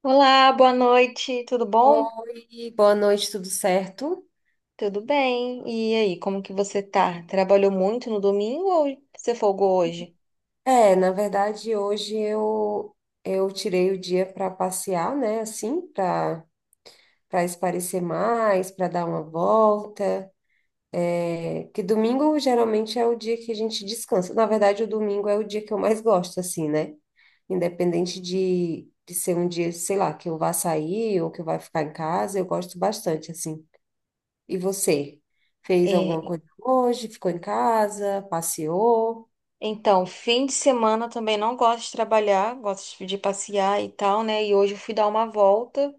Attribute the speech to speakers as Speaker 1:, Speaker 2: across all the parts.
Speaker 1: Olá, boa noite, tudo bom?
Speaker 2: Oi, boa noite, tudo certo?
Speaker 1: Tudo bem. E aí, como que você tá? Trabalhou muito no domingo ou você folgou hoje?
Speaker 2: Na verdade, hoje eu tirei o dia para passear, né? Assim, para esparecer mais, para dar uma volta. É que domingo geralmente é o dia que a gente descansa. Na verdade, o domingo é o dia que eu mais gosto, assim, né? Independente de ser um dia, sei lá, que eu vá sair ou que eu vá ficar em casa, eu gosto bastante, assim. E você? Fez alguma
Speaker 1: É,
Speaker 2: coisa hoje? Ficou em casa? Passeou?
Speaker 1: então, fim de semana eu também não gosto de trabalhar, gosto de passear e tal, né? E hoje eu fui dar uma volta.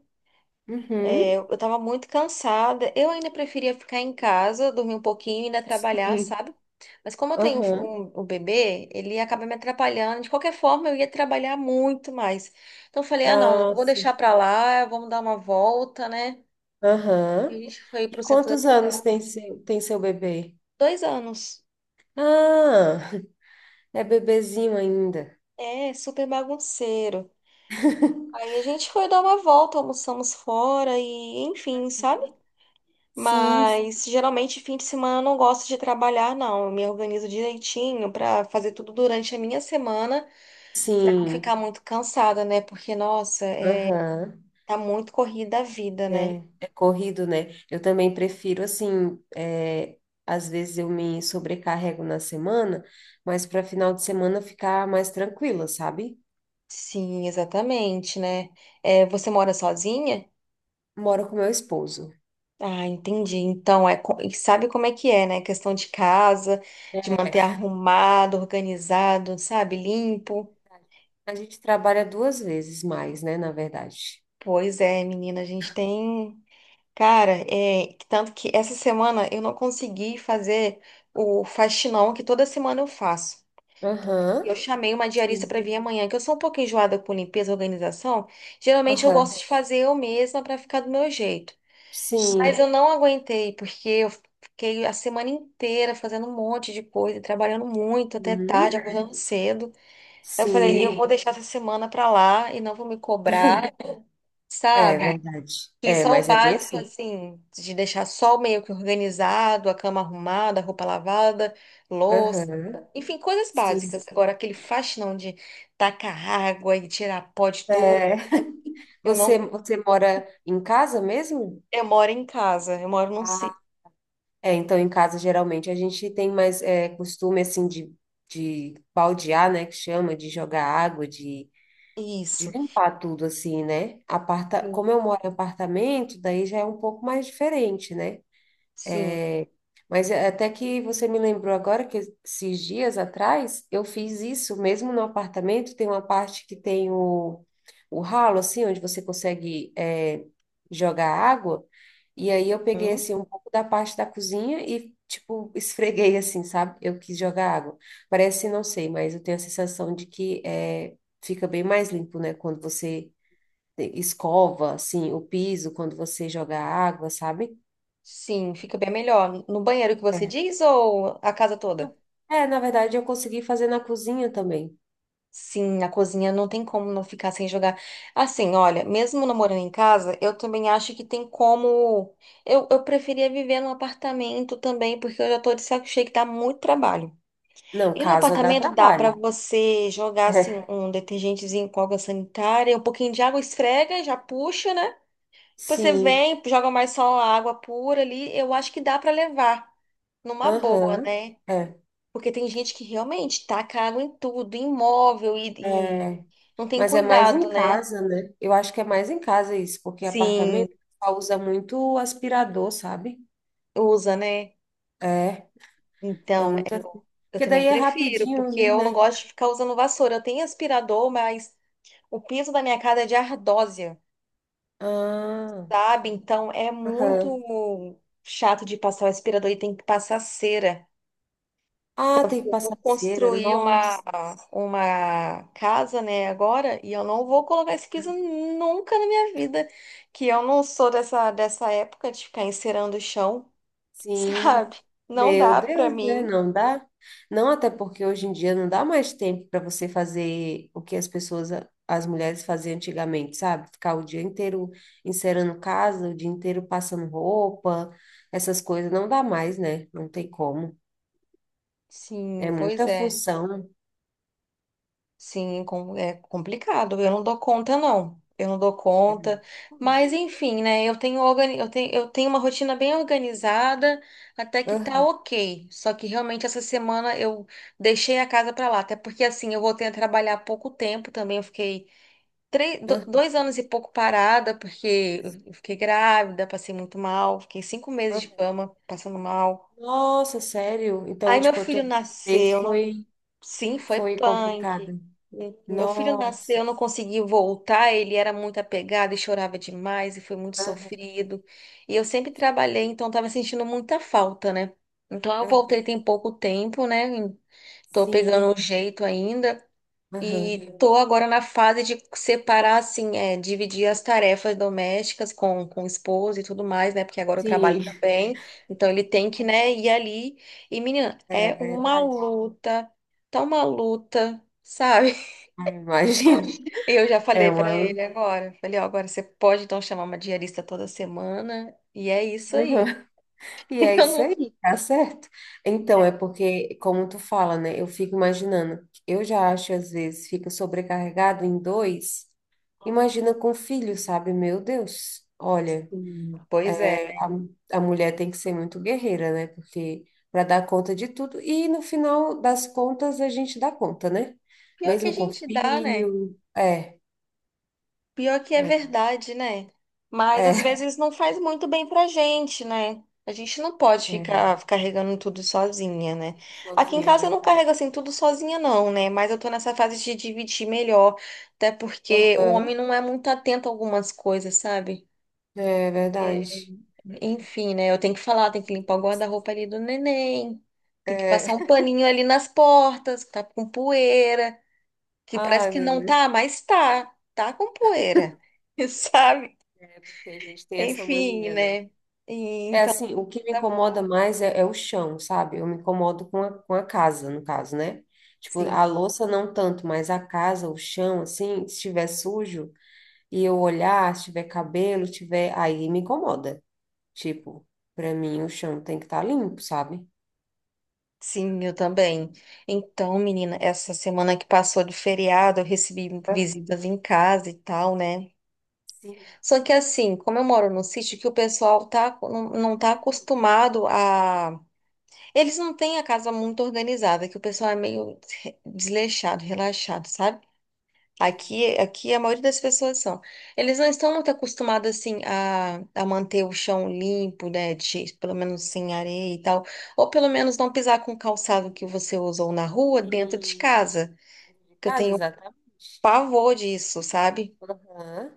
Speaker 1: É,
Speaker 2: Uhum.
Speaker 1: eu tava muito cansada. Eu ainda preferia ficar em casa, dormir um pouquinho e ainda trabalhar,
Speaker 2: Sim.
Speaker 1: sabe? Mas como eu tenho
Speaker 2: Aham.
Speaker 1: um bebê, ele acaba me atrapalhando. De qualquer forma, eu ia trabalhar muito mais. Então eu falei, ah, não,
Speaker 2: Ah,
Speaker 1: vou deixar
Speaker 2: sim.
Speaker 1: pra lá, vamos dar uma volta, né? E a
Speaker 2: Aham.
Speaker 1: gente foi
Speaker 2: E
Speaker 1: pro centro da
Speaker 2: quantos anos
Speaker 1: cidade.
Speaker 2: tem seu bebê?
Speaker 1: 2 anos.
Speaker 2: Ah, é bebezinho ainda.
Speaker 1: É, super bagunceiro. Aí a gente foi dar uma volta, almoçamos fora e, enfim, sabe?
Speaker 2: Sim,
Speaker 1: Mas geralmente fim de semana eu não gosto de trabalhar, não. Eu me organizo direitinho para fazer tudo durante a minha semana, para não ficar
Speaker 2: sim.
Speaker 1: muito cansada, né? Porque, nossa,
Speaker 2: Aham.
Speaker 1: tá muito corrida a vida, né?
Speaker 2: É, é corrido, né? Eu também prefiro, assim, às vezes eu me sobrecarrego na semana, mas para final de semana ficar mais tranquila, sabe?
Speaker 1: Sim, exatamente, né? É, você mora sozinha?
Speaker 2: Moro com meu esposo.
Speaker 1: Ah, entendi. Então, e sabe como é que é, né? Questão de casa, de manter
Speaker 2: É,
Speaker 1: arrumado, organizado, sabe? Limpo.
Speaker 2: a gente trabalha duas vezes mais, né, na verdade.
Speaker 1: Pois é, menina, a gente tem. Cara, é, tanto que essa semana eu não consegui fazer o faxinão que toda semana eu faço.
Speaker 2: Aham,
Speaker 1: Eu chamei uma diarista
Speaker 2: sim.
Speaker 1: para vir amanhã, que eu sou um pouco enjoada com limpeza e organização. Geralmente eu
Speaker 2: Aham,
Speaker 1: gosto de fazer eu mesma para ficar do meu jeito. Mas
Speaker 2: sim.
Speaker 1: eu não aguentei, porque eu fiquei a semana inteira fazendo um monte de coisa, trabalhando muito até tarde,
Speaker 2: Uhum,
Speaker 1: acordando cedo. Eu falei, eu
Speaker 2: sim.
Speaker 1: vou deixar essa semana para lá e não vou me cobrar,
Speaker 2: É
Speaker 1: sabe?
Speaker 2: verdade.
Speaker 1: E
Speaker 2: É,
Speaker 1: só o
Speaker 2: mas é bem
Speaker 1: básico,
Speaker 2: assim.
Speaker 1: assim, de deixar só o meio que organizado, a cama arrumada, a roupa lavada, louça,
Speaker 2: Aham,
Speaker 1: enfim, coisas
Speaker 2: sim.
Speaker 1: básicas. Agora, aquele faxinão de tacar água e tirar pó de tudo,
Speaker 2: É,
Speaker 1: eu não.
Speaker 2: você mora em casa mesmo?
Speaker 1: Eu moro em casa, eu moro num
Speaker 2: Ah,
Speaker 1: sítio.
Speaker 2: é, então em casa geralmente a gente tem mais costume assim de baldear, né, que chama, de jogar água, de
Speaker 1: Isso.
Speaker 2: limpar tudo assim, né? Aparta,
Speaker 1: Sim.
Speaker 2: como eu moro em apartamento, daí já é um pouco mais diferente, né?
Speaker 1: Sim.
Speaker 2: Mas até que você me lembrou agora que esses dias atrás eu fiz isso, mesmo no apartamento. Tem uma parte que tem o ralo, assim, onde você consegue jogar água. E aí eu peguei,
Speaker 1: Hum?
Speaker 2: assim, um pouco da parte da cozinha e, tipo, esfreguei, assim, sabe? Eu quis jogar água. Parece, não sei, mas eu tenho a sensação de que fica bem mais limpo, né? Quando você escova, assim, o piso, quando você joga água, sabe?
Speaker 1: Sim, fica bem melhor. No banheiro que você diz ou a casa toda?
Speaker 2: É, na verdade, eu consegui fazer na cozinha também.
Speaker 1: Sim, na cozinha não tem como não ficar sem jogar. Assim, olha, mesmo não morando em casa, eu também acho que tem como. Eu preferia viver num apartamento também, porque eu já tô de saco cheio que dá muito trabalho.
Speaker 2: Não,
Speaker 1: E no
Speaker 2: casa dá
Speaker 1: apartamento dá pra
Speaker 2: trabalho.
Speaker 1: você jogar, assim,
Speaker 2: É.
Speaker 1: um detergentezinho com água sanitária, um pouquinho de água, esfrega, já puxa, né? Você
Speaker 2: Sim,
Speaker 1: vem, joga mais só a água pura ali. Eu acho que dá pra levar numa boa,
Speaker 2: aham.
Speaker 1: né?
Speaker 2: É,
Speaker 1: Porque tem gente que realmente taca água em tudo, em móvel e
Speaker 2: é.
Speaker 1: não tem
Speaker 2: Mas é mais em
Speaker 1: cuidado, né?
Speaker 2: casa, né? Eu acho que é mais em casa isso, porque
Speaker 1: Sim,
Speaker 2: apartamento só usa muito aspirador, sabe?
Speaker 1: usa, né?
Speaker 2: É, é
Speaker 1: Então,
Speaker 2: muito
Speaker 1: eu,
Speaker 2: assim.
Speaker 1: eu
Speaker 2: Porque
Speaker 1: também
Speaker 2: daí é
Speaker 1: prefiro,
Speaker 2: rapidinho,
Speaker 1: porque eu não
Speaker 2: né?
Speaker 1: gosto de ficar usando vassoura. Eu tenho aspirador, mas o piso da minha casa é de ardósia,
Speaker 2: Ah,
Speaker 1: sabe? Então, é
Speaker 2: aham.
Speaker 1: muito chato de passar o aspirador e tem que passar cera.
Speaker 2: Ah, tem que
Speaker 1: Vou
Speaker 2: passar cera.
Speaker 1: construir uma,
Speaker 2: Nossa.
Speaker 1: uma casa, né, agora, e eu não vou colocar esse piso nunca na minha vida, que eu não sou dessa época de ficar encerando o chão,
Speaker 2: Sim,
Speaker 1: sabe? Não
Speaker 2: meu
Speaker 1: dá pra
Speaker 2: Deus, né?
Speaker 1: mim.
Speaker 2: Não dá. Não, até porque hoje em dia não dá mais tempo para você fazer o que as pessoas, as mulheres faziam antigamente, sabe? Ficar o dia inteiro encerando casa, o dia inteiro passando roupa, essas coisas não dá mais, né? Não tem como. É
Speaker 1: Sim, pois
Speaker 2: muita
Speaker 1: é.
Speaker 2: função.
Speaker 1: Sim, é complicado. Eu não dou conta, não. Eu não dou
Speaker 2: É
Speaker 1: conta.
Speaker 2: muita
Speaker 1: Mas,
Speaker 2: coisa.
Speaker 1: enfim, né? Eu tenho uma rotina bem organizada, até que tá
Speaker 2: Aham,
Speaker 1: ok. Só que realmente essa semana eu deixei a casa pra lá. Até porque, assim, eu voltei a trabalhar há pouco tempo também. Eu fiquei 2 anos e pouco parada, porque eu fiquei grávida, passei muito mal. Fiquei 5 meses de
Speaker 2: aham.
Speaker 1: cama, passando mal.
Speaker 2: Nossa, sério?
Speaker 1: Aí
Speaker 2: Então,
Speaker 1: meu
Speaker 2: tipo, a
Speaker 1: filho
Speaker 2: tua vez
Speaker 1: nasceu, não.
Speaker 2: foi,
Speaker 1: Sim, foi
Speaker 2: foi
Speaker 1: punk.
Speaker 2: complicada.
Speaker 1: Meu filho nasceu,
Speaker 2: Nossa.
Speaker 1: eu não consegui voltar, ele era muito apegado e chorava demais e foi muito
Speaker 2: Aham,
Speaker 1: sofrido. E eu sempre trabalhei, então estava sentindo muita falta, né? Então eu voltei tem
Speaker 2: aham.
Speaker 1: pouco tempo, né? Tô
Speaker 2: Sim.
Speaker 1: pegando o jeito ainda.
Speaker 2: Aham.
Speaker 1: E tô agora na fase de separar, assim, é, dividir as tarefas domésticas com o esposo e tudo mais, né? Porque agora eu trabalho
Speaker 2: Sim,
Speaker 1: também, então ele tem que, né, ir ali. E, menina,
Speaker 2: é
Speaker 1: é uma
Speaker 2: verdade.
Speaker 1: luta, tá uma luta, sabe?
Speaker 2: Ai, imagino.
Speaker 1: Eu já
Speaker 2: É
Speaker 1: falei pra
Speaker 2: uma.
Speaker 1: ele agora. Falei, ó, agora você pode então chamar uma diarista toda semana, e é isso
Speaker 2: Uhum.
Speaker 1: aí.
Speaker 2: E é isso
Speaker 1: Eu
Speaker 2: aí, tá certo? Então, é porque, como tu fala, né? Eu fico imaginando. Eu já acho, às vezes, fica sobrecarregado em dois. Imagina com filho, sabe? Meu Deus. Olha,
Speaker 1: não- Pois é, né?
Speaker 2: a, a mulher tem que ser muito guerreira, né? Porque para dar conta de tudo. E no final das contas, a gente dá conta, né?
Speaker 1: Pior que a
Speaker 2: Mesmo com
Speaker 1: gente dá, né?
Speaker 2: filho. É,
Speaker 1: Pior que é
Speaker 2: é,
Speaker 1: verdade, né? Mas às
Speaker 2: é.
Speaker 1: vezes não faz muito bem pra gente, né? A gente não pode
Speaker 2: É.
Speaker 1: ficar carregando tudo sozinha, né? Aqui em
Speaker 2: Sozinha, é
Speaker 1: casa eu não
Speaker 2: verdade.
Speaker 1: carrego assim tudo sozinha, não, né? Mas eu tô nessa fase de dividir melhor, até porque o homem
Speaker 2: Aham,
Speaker 1: não é muito atento a algumas coisas, sabe?
Speaker 2: é
Speaker 1: É,
Speaker 2: verdade.
Speaker 1: enfim, né? Eu tenho que falar, tenho que limpar o guarda-roupa ali do neném, tem que
Speaker 2: É.
Speaker 1: passar um paninho ali nas portas, que tá com poeira, que parece
Speaker 2: Ai,
Speaker 1: que
Speaker 2: meu
Speaker 1: não
Speaker 2: Deus,
Speaker 1: tá, mas tá com poeira. Sabe?
Speaker 2: é porque a gente tem essa
Speaker 1: Enfim,
Speaker 2: mania, né?
Speaker 1: né? E
Speaker 2: É
Speaker 1: então,
Speaker 2: assim, o que me
Speaker 1: tá-
Speaker 2: incomoda mais é o chão, sabe? Eu me incomodo com a casa, no caso, né? Tipo,
Speaker 1: sim,
Speaker 2: a louça não tanto, mas a casa, o chão, assim, se estiver sujo e eu olhar, se tiver cabelo, tiver, aí me incomoda. Tipo, pra mim o chão tem que estar limpo, sabe?
Speaker 1: sim, eu também. Então, menina, essa semana que passou de feriado, eu recebi
Speaker 2: É.
Speaker 1: visitas em casa e tal, né?
Speaker 2: Sim.
Speaker 1: Só que assim, como eu moro num sítio que o pessoal tá, não, não tá
Speaker 2: Hum,
Speaker 1: acostumado a. Eles não têm a casa muito organizada, que o pessoal é meio desleixado, relaxado, sabe?
Speaker 2: sim.
Speaker 1: Aqui a maioria das pessoas são. Eles não estão muito acostumados assim a manter o chão limpo, né? De, pelo menos sem areia e tal. Ou pelo menos não pisar com o calçado que você usou na rua dentro de
Speaker 2: Sim.
Speaker 1: casa.
Speaker 2: Dentro de
Speaker 1: Que eu
Speaker 2: casa,
Speaker 1: tenho
Speaker 2: exatamente.
Speaker 1: pavor disso, sabe?
Speaker 2: Aham.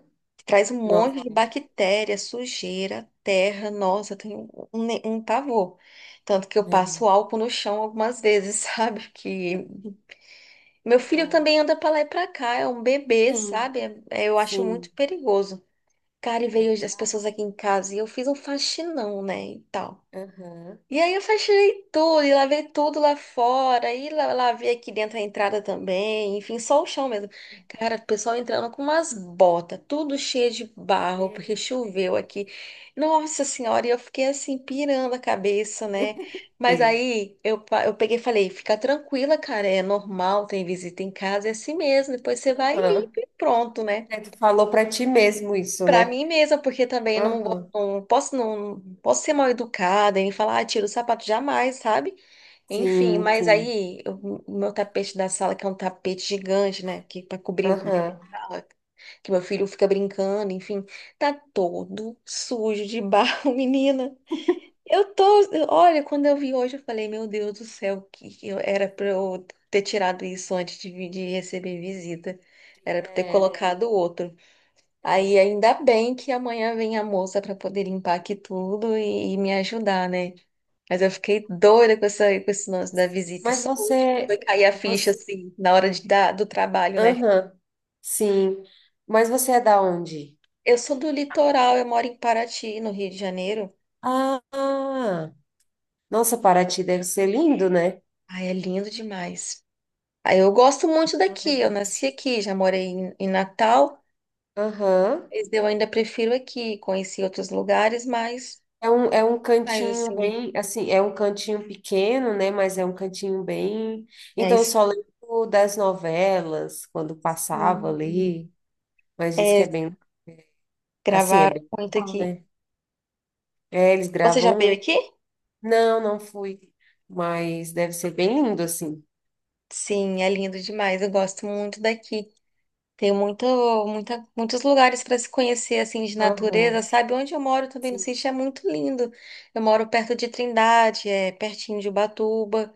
Speaker 1: Traz um monte de
Speaker 2: Nossa,
Speaker 1: bactéria, sujeira, terra. Nossa, eu tenho um pavor. Tanto que eu
Speaker 2: né.
Speaker 1: passo álcool no chão algumas vezes, sabe? Que meu filho
Speaker 2: Ai,
Speaker 1: também anda pra lá e pra cá, é um bebê,
Speaker 2: sim,
Speaker 1: sabe? Eu acho muito
Speaker 2: sim,
Speaker 1: perigoso. Cara, e
Speaker 2: é
Speaker 1: veio as pessoas
Speaker 2: verdade.
Speaker 1: aqui em casa e eu fiz um faxinão, né, e tal.
Speaker 2: Aham.
Speaker 1: E aí eu faxinei tudo e lavei tudo lá fora e lavei aqui dentro a entrada também, enfim, só o chão mesmo. Cara, o pessoal entrando com umas botas, tudo cheio de barro,
Speaker 2: Meu
Speaker 1: porque choveu
Speaker 2: Deus,
Speaker 1: aqui. Nossa senhora, e eu fiquei assim, pirando a cabeça,
Speaker 2: meu
Speaker 1: né? Mas
Speaker 2: Deus.
Speaker 1: aí eu peguei e falei, fica tranquila, cara, é normal, tem visita em casa, é assim mesmo, depois você vai e
Speaker 2: Aham.
Speaker 1: limpa e pronto, né?
Speaker 2: É, tu falou pra ti mesmo isso,
Speaker 1: Pra
Speaker 2: né?
Speaker 1: mim mesma, porque também não,
Speaker 2: Aham.
Speaker 1: não posso ser mal educada e falar, ah, tira o sapato jamais, sabe? Enfim,
Speaker 2: Sim,
Speaker 1: mas
Speaker 2: sim.
Speaker 1: o meu tapete da sala, que é um tapete gigante, né? Que para cobrir bem
Speaker 2: Aham.
Speaker 1: a sala, que meu filho fica brincando, enfim, tá todo sujo de barro, menina. Eu tô, olha, quando eu vi hoje, eu falei, meu Deus do céu, que eu era pra eu ter tirado isso antes de, de receber visita. Era pra eu ter
Speaker 2: É,
Speaker 1: colocado outro. Aí
Speaker 2: é.
Speaker 1: ainda bem que amanhã vem a moça para poder limpar aqui tudo e me ajudar, né? Mas eu fiquei doida com essa, com esse lance da visita e
Speaker 2: Mas
Speaker 1: saúde, que foi
Speaker 2: você,
Speaker 1: cair a ficha
Speaker 2: você...
Speaker 1: assim na hora do trabalho, né?
Speaker 2: Aham. Sim. Mas você é da onde?
Speaker 1: Eu sou do litoral, eu moro em Paraty, no Rio de Janeiro.
Speaker 2: Ah, nossa, Paraty deve ser lindo, né?
Speaker 1: Ai, é lindo demais. Aí eu gosto muito
Speaker 2: Ai,
Speaker 1: daqui, eu
Speaker 2: deve ser.
Speaker 1: nasci aqui, já morei em Natal,
Speaker 2: Aham.
Speaker 1: mas eu ainda prefiro aqui, conheci outros lugares, mas,
Speaker 2: É um
Speaker 1: mas
Speaker 2: cantinho
Speaker 1: assim,
Speaker 2: bem, assim, é um cantinho pequeno, né? Mas é um cantinho bem.
Speaker 1: é,
Speaker 2: Então, eu
Speaker 1: es-
Speaker 2: só lembro das novelas, quando passava ali, mas diz que é
Speaker 1: é
Speaker 2: bem, assim, é
Speaker 1: gravar
Speaker 2: bem
Speaker 1: muito
Speaker 2: legal,
Speaker 1: aqui.
Speaker 2: né? É, eles
Speaker 1: Você já
Speaker 2: gravam
Speaker 1: veio
Speaker 2: muito.
Speaker 1: aqui?
Speaker 2: Não, não fui, mas deve ser bem lindo, assim.
Speaker 1: Sim, é lindo demais. Eu gosto muito daqui. Tem muitos lugares para se conhecer assim de natureza,
Speaker 2: Aham,
Speaker 1: sabe? Onde eu moro também no
Speaker 2: sim.
Speaker 1: sítio é muito lindo. Eu moro perto de Trindade, é pertinho de Ubatuba.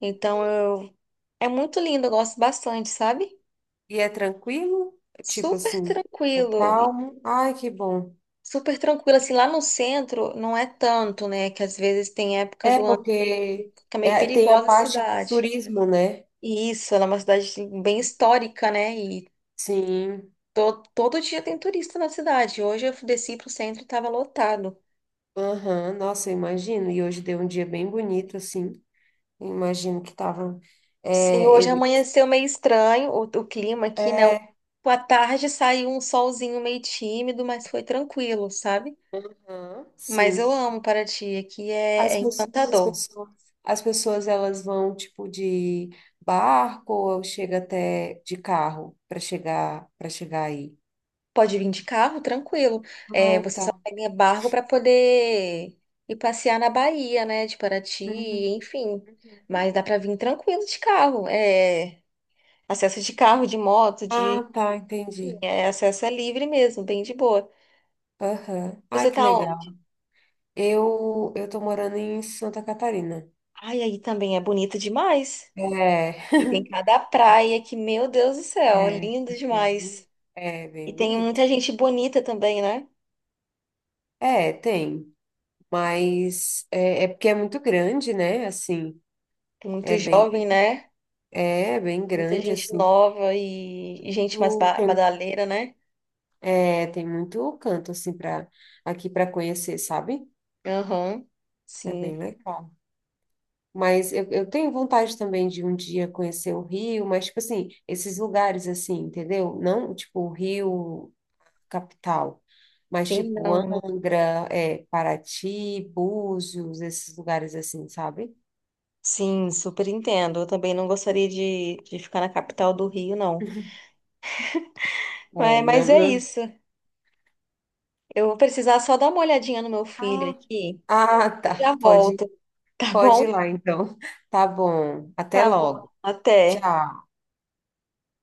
Speaker 1: Então eu é muito lindo, eu gosto bastante, sabe?
Speaker 2: E é tranquilo? Tipo
Speaker 1: Super
Speaker 2: assim, é
Speaker 1: tranquilo.
Speaker 2: calmo? Ai, que bom.
Speaker 1: Super tranquilo assim lá no centro não é tanto, né? Que às vezes tem época do
Speaker 2: É
Speaker 1: ano
Speaker 2: porque
Speaker 1: que é meio
Speaker 2: é, tem a
Speaker 1: perigosa a
Speaker 2: parte do
Speaker 1: cidade.
Speaker 2: turismo, né?
Speaker 1: E isso, ela é uma cidade assim, bem histórica, né? E
Speaker 2: Sim.
Speaker 1: Todo dia tem turista na cidade. Hoje eu desci pro centro e estava lotado.
Speaker 2: Aham, nossa, eu imagino. E hoje deu um dia bem bonito, assim. Eu imagino que tava.
Speaker 1: Sim,
Speaker 2: É,
Speaker 1: hoje
Speaker 2: ele,
Speaker 1: amanheceu meio estranho o clima aqui, né?
Speaker 2: é,
Speaker 1: À tarde saiu um solzinho meio tímido, mas foi tranquilo, sabe?
Speaker 2: aham,
Speaker 1: Mas
Speaker 2: sim.
Speaker 1: eu amo Paraty, aqui é,
Speaker 2: As,
Speaker 1: é
Speaker 2: pes- as
Speaker 1: encantador.
Speaker 2: pessoas, as pessoas elas vão tipo de barco ou chega até de carro para chegar aí.
Speaker 1: Pode vir de carro, tranquilo. É,
Speaker 2: Ah,
Speaker 1: você
Speaker 2: tá.
Speaker 1: só pega barco para poder ir passear na Bahia, né? De Paraty,
Speaker 2: Uhum,
Speaker 1: enfim. Mas
Speaker 2: uhum.
Speaker 1: dá para vir tranquilo de carro. É, acesso de carro, de moto, de.
Speaker 2: Ah, tá, entendi.
Speaker 1: É, acesso é livre mesmo, bem de boa.
Speaker 2: Aham. Ah,
Speaker 1: Você
Speaker 2: que
Speaker 1: tá
Speaker 2: legal.
Speaker 1: onde?
Speaker 2: Eu tô morando em Santa Catarina.
Speaker 1: Ai, aí também é bonito demais.
Speaker 2: É,
Speaker 1: E tem cada praia que, meu Deus do céu,
Speaker 2: é,
Speaker 1: lindo
Speaker 2: aqui é, bonito.
Speaker 1: demais.
Speaker 2: É bem
Speaker 1: E tem
Speaker 2: bonito.
Speaker 1: muita gente bonita também, né?
Speaker 2: É, tem, mas é, é porque é muito grande, né? Assim,
Speaker 1: Tem muito
Speaker 2: é bem,
Speaker 1: jovem, né?
Speaker 2: é bem
Speaker 1: Muita
Speaker 2: grande,
Speaker 1: gente
Speaker 2: assim.
Speaker 1: nova e gente mais
Speaker 2: Tu tem,
Speaker 1: badaleira, né?
Speaker 2: é, tem muito canto assim para aqui para conhecer, sabe?
Speaker 1: Aham.
Speaker 2: É bem
Speaker 1: Sim,
Speaker 2: legal. Mas eu tenho vontade também de um dia conhecer o Rio, mas tipo assim, esses lugares assim, entendeu? Não tipo o Rio capital, mas
Speaker 1: sim,
Speaker 2: tipo
Speaker 1: não.
Speaker 2: Angra, é, Paraty, Búzios, esses lugares assim, sabe?
Speaker 1: Sim, super entendo. Eu também não gostaria de ficar na capital do Rio, não. Mas,
Speaker 2: É,
Speaker 1: mas
Speaker 2: não,
Speaker 1: é
Speaker 2: não.
Speaker 1: isso. Eu vou precisar só dar uma olhadinha no meu filho
Speaker 2: Ah,
Speaker 1: aqui
Speaker 2: ah,
Speaker 1: e
Speaker 2: tá.
Speaker 1: já
Speaker 2: Pode,
Speaker 1: volto. Tá
Speaker 2: pode
Speaker 1: bom?
Speaker 2: ir lá, então. Tá bom. Até
Speaker 1: Tá bom.
Speaker 2: logo.
Speaker 1: Até.
Speaker 2: Tchau.